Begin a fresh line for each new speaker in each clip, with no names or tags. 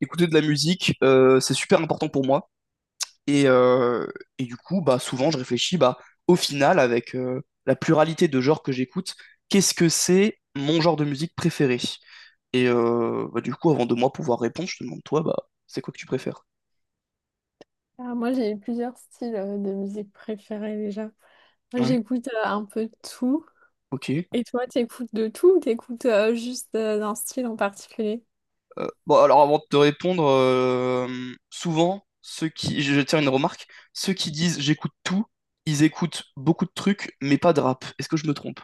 Écouter de la musique, c'est super important pour moi. Et, euh, et du coup, bah, souvent, je réfléchis, bah, au final, avec la pluralité de genres que j'écoute, qu'est-ce que c'est mon genre de musique préféré? Bah, du coup, avant de moi pouvoir répondre, je te demande, toi, bah, c'est quoi que tu préfères?
Ah, moi, j'ai plusieurs styles de musique préférés déjà. Moi,
Ouais,
j'écoute un peu de tout.
ok.
Et toi, t'écoutes de tout ou t'écoutes juste d'un style en particulier?
Bon, alors avant de te répondre, souvent, je tiens une remarque, ceux qui disent j'écoute tout, ils écoutent beaucoup de trucs, mais pas de rap. Est-ce que je me trompe?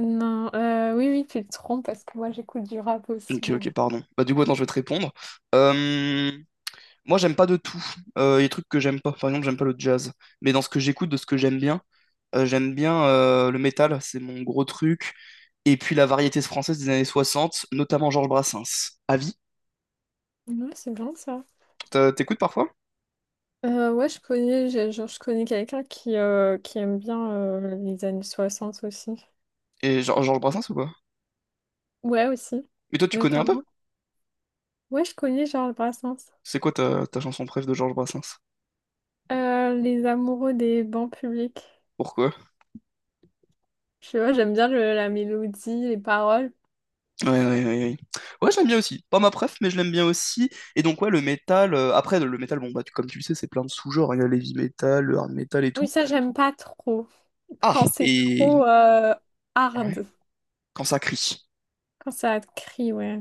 Non, oui, oui, tu te trompes parce que moi, j'écoute du rap
Ok,
aussi, hein.
ok, pardon. Bah, du coup, attends, je vais te répondre. Euh, Moi, j'aime pas de tout. Il y a des trucs que j'aime pas. Par exemple, j'aime pas le jazz. Mais dans ce que j'écoute, de ce que j'aime bien le métal, c'est mon gros truc. Et puis la variété française des années 60, notamment Georges Brassens. Avis?
Ouais, c'est bien ça.
T'écoutes parfois?
Ouais, je connais, genre, je connais quelqu'un qui aime bien les années 60 aussi.
Et Georges Brassens ou pas?
Ouais, aussi,
Mais toi, tu connais un peu?
notamment. Ouais, je connais Charles Brassens.
C'est quoi ta chanson préf de Georges Brassens?
Les amoureux des bancs publics.
Pourquoi?
Je sais pas, la mélodie, les paroles.
Ouais, ouais, ouais, ouais. Ouais, j'aime bien aussi. Pas ma préf, mais je l'aime bien aussi. Et donc, ouais, le métal. Après, le métal, bon, bah, comme tu le sais, c'est plein de sous-genres, hein. Il y a l'heavy metal, le hard metal et
Oui,
tout.
ça, j'aime pas trop.
Ah,
Quand c'est
et.
trop
Ouais.
hard,
Quand ça crie.
quand ça te crie, ouais.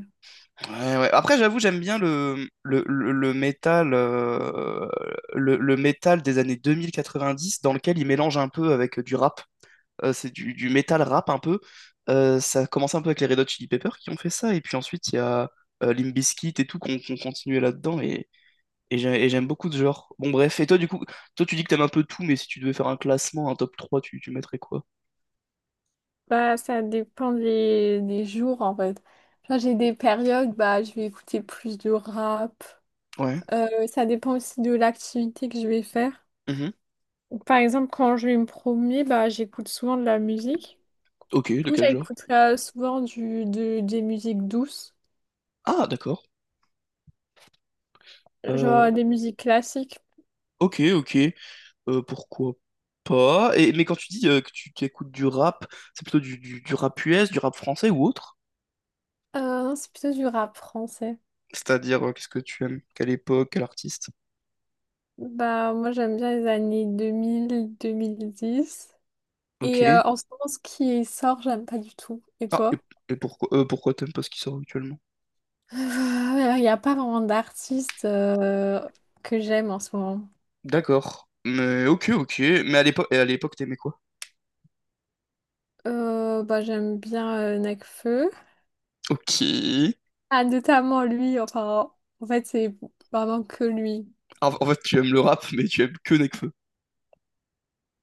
Ouais, ouais. Après, j'avoue, j'aime bien le métal. Le métal des années 2090 dans lequel il mélange un peu avec du rap. C'est du métal rap un peu. Ça a commencé un peu avec les Red Hot Chili Peppers qui ont fait ça. Et puis ensuite, il y a Limp Bizkit et tout qu'on continuait là-dedans. Et j'aime beaucoup ce genre. Bon, bref. Et toi, du coup, toi, tu dis que t'aimes un peu tout, mais si tu devais faire un classement, un top trois, tu mettrais quoi?
Bah, ça dépend des jours, en fait. Genre, j'ai des périodes, bah, je vais écouter plus de rap.
Ouais.
Ça dépend aussi de l'activité que je vais faire.
Mhm.
Par exemple, quand je vais me promener, bah, j'écoute souvent de la musique.
Ok,
Du
de
coup,
quel genre?
j'écoute souvent des musiques douces,
Ah, d'accord. Euh,
genre des musiques classiques.
ok, ok. Pourquoi pas? Et, mais quand tu dis que tu écoutes du rap, c'est plutôt du rap US, du rap français ou autre?
Non, c'est plutôt du rap français.
C'est-à-dire, qu'est-ce que tu aimes? Quelle époque, quel artiste?
Bah, moi, j'aime bien les années deux mille dix.
Ok.
Et en ce moment, ce qui sort, j'aime pas du tout. Et
Ah,
toi?
et pourquoi, pourquoi t'aimes pas ce qui sort actuellement?
Il n'y a pas vraiment d'artiste que j'aime en ce moment.
D'accord. Mais ok, ok. Mais à l'époque, t'aimais quoi?
Bah, j'aime bien Nekfeu.
Ok.
Ah, notamment lui, enfin, en fait, c'est vraiment que lui.
En fait, tu aimes le rap, mais tu aimes que Nekfeu.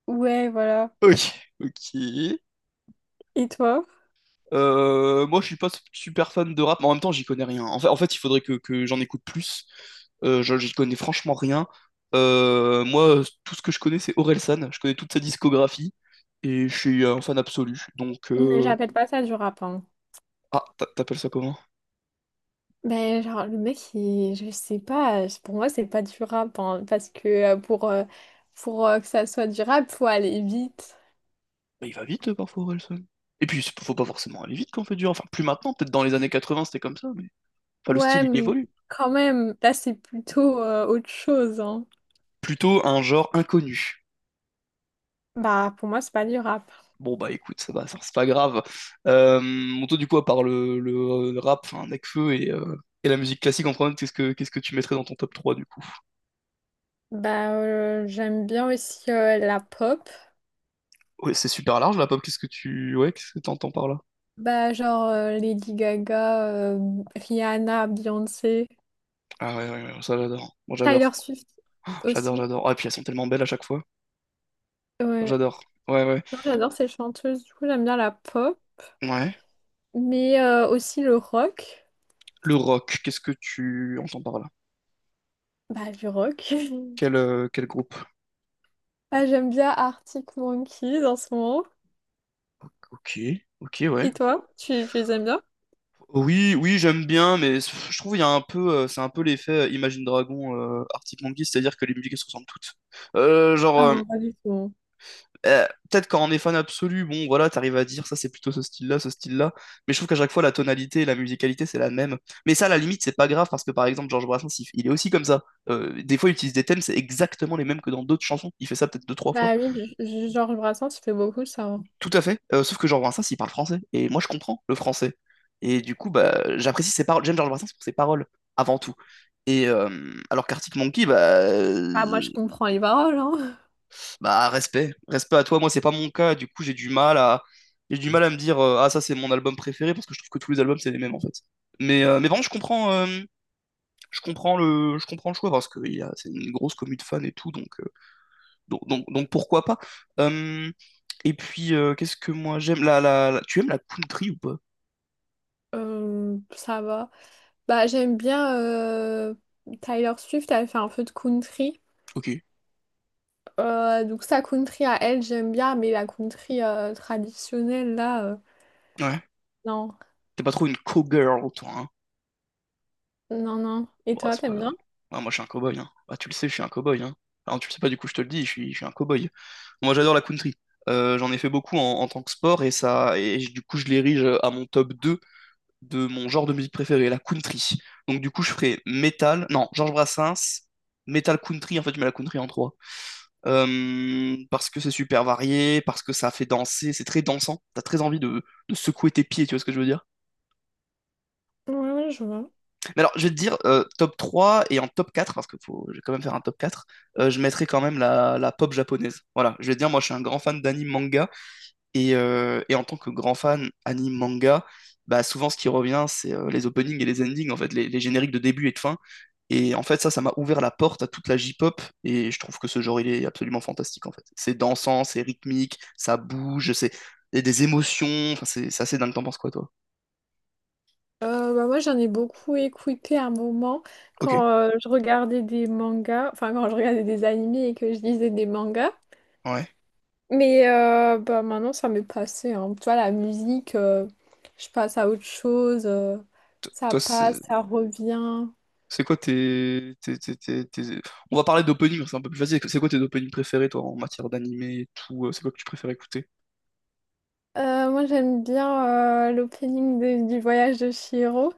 Ouais, voilà.
Ok. Ok.
Et toi?
Moi, je suis pas super fan de rap, mais en même temps, j'y connais rien. En fait, il faudrait que j'en écoute plus. J'y connais franchement rien. Moi, tout ce que je connais, c'est Orelsan. Je connais toute sa discographie et je suis un fan absolu. Donc,
Mais j'appelle pas ça du rap, hein.
ah, t'appelles ça comment?
Ben, genre, le mec, je sais pas, pour moi, c'est pas durable, hein, parce que pour que ça soit durable, faut aller vite.
Bah, il va vite parfois, Orelsan. Et puis, faut pas forcément aller vite quand on fait du rap. Enfin, plus maintenant, peut-être dans les années 80, c'était comme ça, mais enfin, le
Ouais,
style, il
mais
évolue.
quand même, là, c'est plutôt autre chose, hein.
Plutôt un genre inconnu.
Bah, pour moi, c'est pas durable.
Bon, bah écoute, ça va, ça, c'est pas grave. Monto, du coup, à part le rap, enfin, Nekfeu et la musique classique en premier, qu'est-ce que tu mettrais dans ton top trois du coup?
Bah, j'aime bien aussi la pop.
Ouais, c'est super large la pop, qu'est-ce que tu. Ouais, qu'est-ce que t'entends par là?
Bah, genre Lady Gaga, Rihanna, Beyoncé,
Ah ouais, ouais, ouais, ça j'adore. Moi
Taylor
j'adore.
Swift
J'adore,
aussi.
j'adore. Ah, et puis elles sont tellement belles à chaque fois.
Ouais.
J'adore. Ouais, ouais.
Non, j'adore ces chanteuses, du coup, j'aime bien la pop,
Ouais.
mais aussi le rock.
Le rock, qu'est-ce que tu entends par là?
Bah, du rock.
Quel groupe?
Ah, j'aime bien Arctic Monkeys en ce moment.
Ok, ok, ouais.
Et toi, tu les aimes bien?
Oui, oui, j'aime bien, mais je trouve il y a un peu, c'est un peu l'effet Imagine Dragon, Arctic Monkey, c'est-à-dire que les musiques elles se ressemblent toutes. Genre,
Ah non, pas du tout.
peut-être quand on est fan absolu, bon, voilà, t'arrives à dire ça, c'est plutôt ce style-là, mais je trouve qu'à chaque fois la tonalité et la musicalité c'est la même. Mais ça, à la limite, c'est pas grave parce que par exemple Georges Brassens, il est aussi comme ça. Des fois, il utilise des thèmes, c'est exactement les mêmes que dans d'autres chansons. Il fait ça peut-être deux, trois fois.
Bah oui, Georges Brassens, il fait beaucoup ça, hein.
Tout à fait. Sauf que Georges Brassens, il parle français. Et moi, je comprends le français. Et du coup, bah, j'apprécie ses paroles. J'aime Georges Brassens pour ses paroles, avant tout. Alors qu'Arctic Monkey,
Ah, moi, je comprends les paroles, hein.
bah, respect. Respect à toi. Moi, c'est pas mon cas. Du coup, j'ai du mal à me dire, ah, ça, c'est mon album préféré, parce que je trouve que tous les albums, c'est les mêmes, en fait. Mais vraiment, je comprends le choix, parce que c'est une grosse commu de fans et tout, donc pourquoi pas. Euh, et puis, qu'est-ce que moi j'aime? Tu aimes la country ou pas?
Ça va. Bah, j'aime bien Tyler Swift, elle fait un peu de country.
Ok.
Donc sa country à elle, j'aime bien, mais la country traditionnelle, là,
Ouais.
non.
T'es pas trop une cowgirl, toi, hein.
Non, non. Et
Bon,
toi,
c'est pas
t'aimes
grave.
bien?
Ouais, moi, je suis un cowboy, hein. Bah, tu le sais, je suis un cowboy, hein. Enfin, tu le sais pas, du coup, je te le dis, je suis un cowboy. Moi, j'adore la country. J'en ai fait beaucoup en tant que sport et ça, du coup, je l'érige à mon top 2 de mon genre de musique préféré, la country. Donc, du coup, je ferai metal, non, Georges Brassens, metal country. En fait, je mets la country en trois. Parce que c'est super varié, parce que ça fait danser, c'est très dansant. T'as très envie de secouer tes pieds, tu vois ce que je veux dire?
Oui, je vois.
Mais alors, je vais te dire, top 3 et en top 4 parce que faut, je vais quand même faire un top quatre, je mettrai quand même la pop japonaise. Voilà, je vais te dire, moi je suis un grand fan d'anime manga, et en tant que grand fan anime manga, bah, souvent ce qui revient, c'est les openings et les endings, en fait, les génériques de début et de fin. Et en fait, ça m'a ouvert la porte à toute la J-pop, et je trouve que ce genre, il est absolument fantastique, en fait. C'est dansant, c'est rythmique, ça bouge, c'est il y a des émotions, enfin, c'est assez dingue, t'en penses quoi, toi?
Bah, moi, j'en ai beaucoup écouté à un moment
Ok,
quand je regardais des mangas, enfin quand je regardais des animés et que je lisais des mangas.
ouais.
Mais bah, maintenant, ça m'est passé, hein. Tu vois, la musique, je passe à autre chose. euh,
T-
ça
Toi,
passe,
c'est
ça revient.
C'est quoi tes, tes, tes- tes- tes- On va parler d'opening, c'est un peu plus facile. C'est quoi tes openings préférés, toi, en matière d'animé et tout? C'est quoi que tu préfères écouter?
Moi, j'aime bien l'opening du Voyage de Chihiro.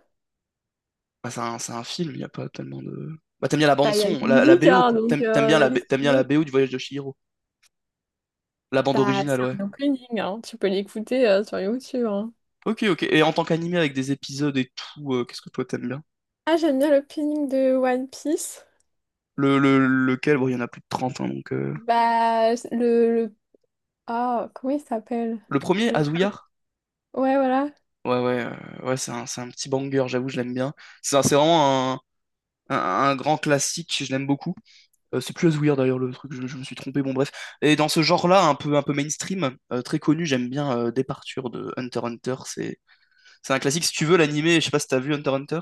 Bah, c'est un film, il n'y a pas tellement de... Bah, t'aimes bien la
Bah, il y a de
bande-son,
la
la
musique,
BO,
hein,
quoi.
donc
T'aimes, t'aimes bien la,
qu'est-ce
B-
que
t'aimes
tu
bien la
veux?
BO du Voyage de Chihiro. La bande
Bah, c'est
originale, ouais.
un opening, hein. Tu peux l'écouter sur YouTube, hein.
Ok, ok. Et en tant qu'animé avec des épisodes et tout, qu'est-ce que toi t'aimes bien?
Ah, j'aime bien l'opening de One Piece.
Lequel? Bon, il y en a plus de 30, hein, donc...
Bah, ah, comment il s'appelle?
Le premier,
Le...
Azuya?
Ouais, voilà.
Ouais, ouais, ouais, c'est un petit banger, j'avoue, je l'aime bien. C'est vraiment un, un grand classique, je l'aime beaucoup. C'est plus Asweir d'ailleurs le truc, je me suis trompé, bon bref. Et dans ce genre-là, un peu mainstream, très connu, j'aime bien Departure de Hunter x Hunter, c'est un classique. Si tu veux l'animé, je sais pas si t'as vu Hunter x Hunter.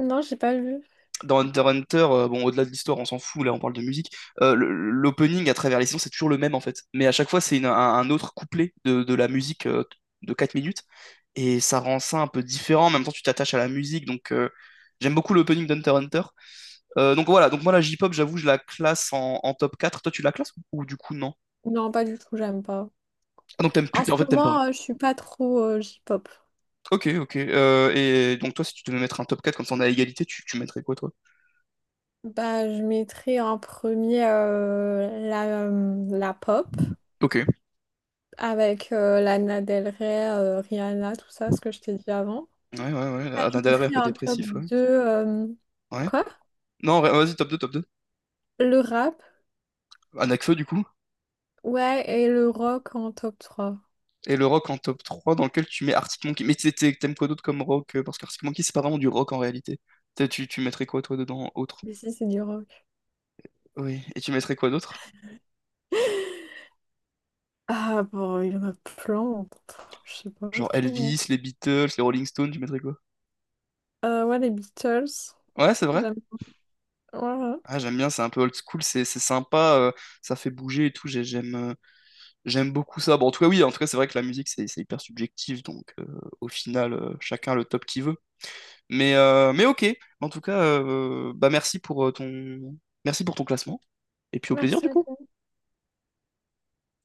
Non, j'ai pas vu.
Dans Hunter x Hunter, bon au-delà de l'histoire, on s'en fout, là on parle de musique. L'opening à travers les saisons, c'est toujours le même en fait. Mais à chaque fois, c'est un autre couplet de la musique de 4 minutes. Et ça rend ça un peu différent. En même temps, tu t'attaches à la musique, donc j'aime beaucoup l'opening d'Hunter x Hunter. Donc voilà, donc moi la J-pop, j'avoue, je la classe en top 4. Toi, tu la classes ou du coup, non?
Non, pas du tout, j'aime pas.
Ah, donc t'aimes
En
plus,
ce
en fait, t'aimes pas.
moment, je suis pas trop J-pop.
Ok, ok. Et donc toi, si tu devais mettre un top 4 comme ça on est à égalité, tu mettrais quoi, toi?
Bah, je mettrais en premier la pop
Ok. Ouais,
avec Lana Del Rey, Rihanna, tout ça, ce que je t'ai dit avant.
ouais, ouais.
Bah, je
D'un derrière un
mettrais
peu
en top
dépressif, ouais.
2
Ouais.
quoi?
Non, ouais, vas-y, top 2 top 2.
Le rap,
Anakfeu, du coup.
ouais, et le rock en top trois.
Et le rock en top 3 dans lequel tu mets Arctic Monkey. Mais t'aimes quoi d'autre comme rock? Parce qu'Arctic Monkey, c'est pas vraiment du rock en réalité. Tu mettrais quoi, toi, dedans, autre?
Mais si, c'est du rock.
Oui. Et tu mettrais quoi d'autre?
Ah bon, il y en a plein. Je sais pas
Genre
trop,
Elvis, les Beatles, les Rolling Stones, tu mettrais quoi?
hein. Ouais, les Beatles.
Ouais, c'est vrai.
J'aime. Voilà.
Ah, j'aime bien, c'est un peu old school, c'est sympa, ça fait bouger et tout, j'aime j'aime beaucoup ça. Bon, en tout cas, oui, en tout cas, c'est vrai que la musique, c'est hyper subjectif, donc au final, chacun a le top qu'il veut. Mais ok, en tout cas, bah merci pour ton classement, et puis au plaisir du coup.
Merci.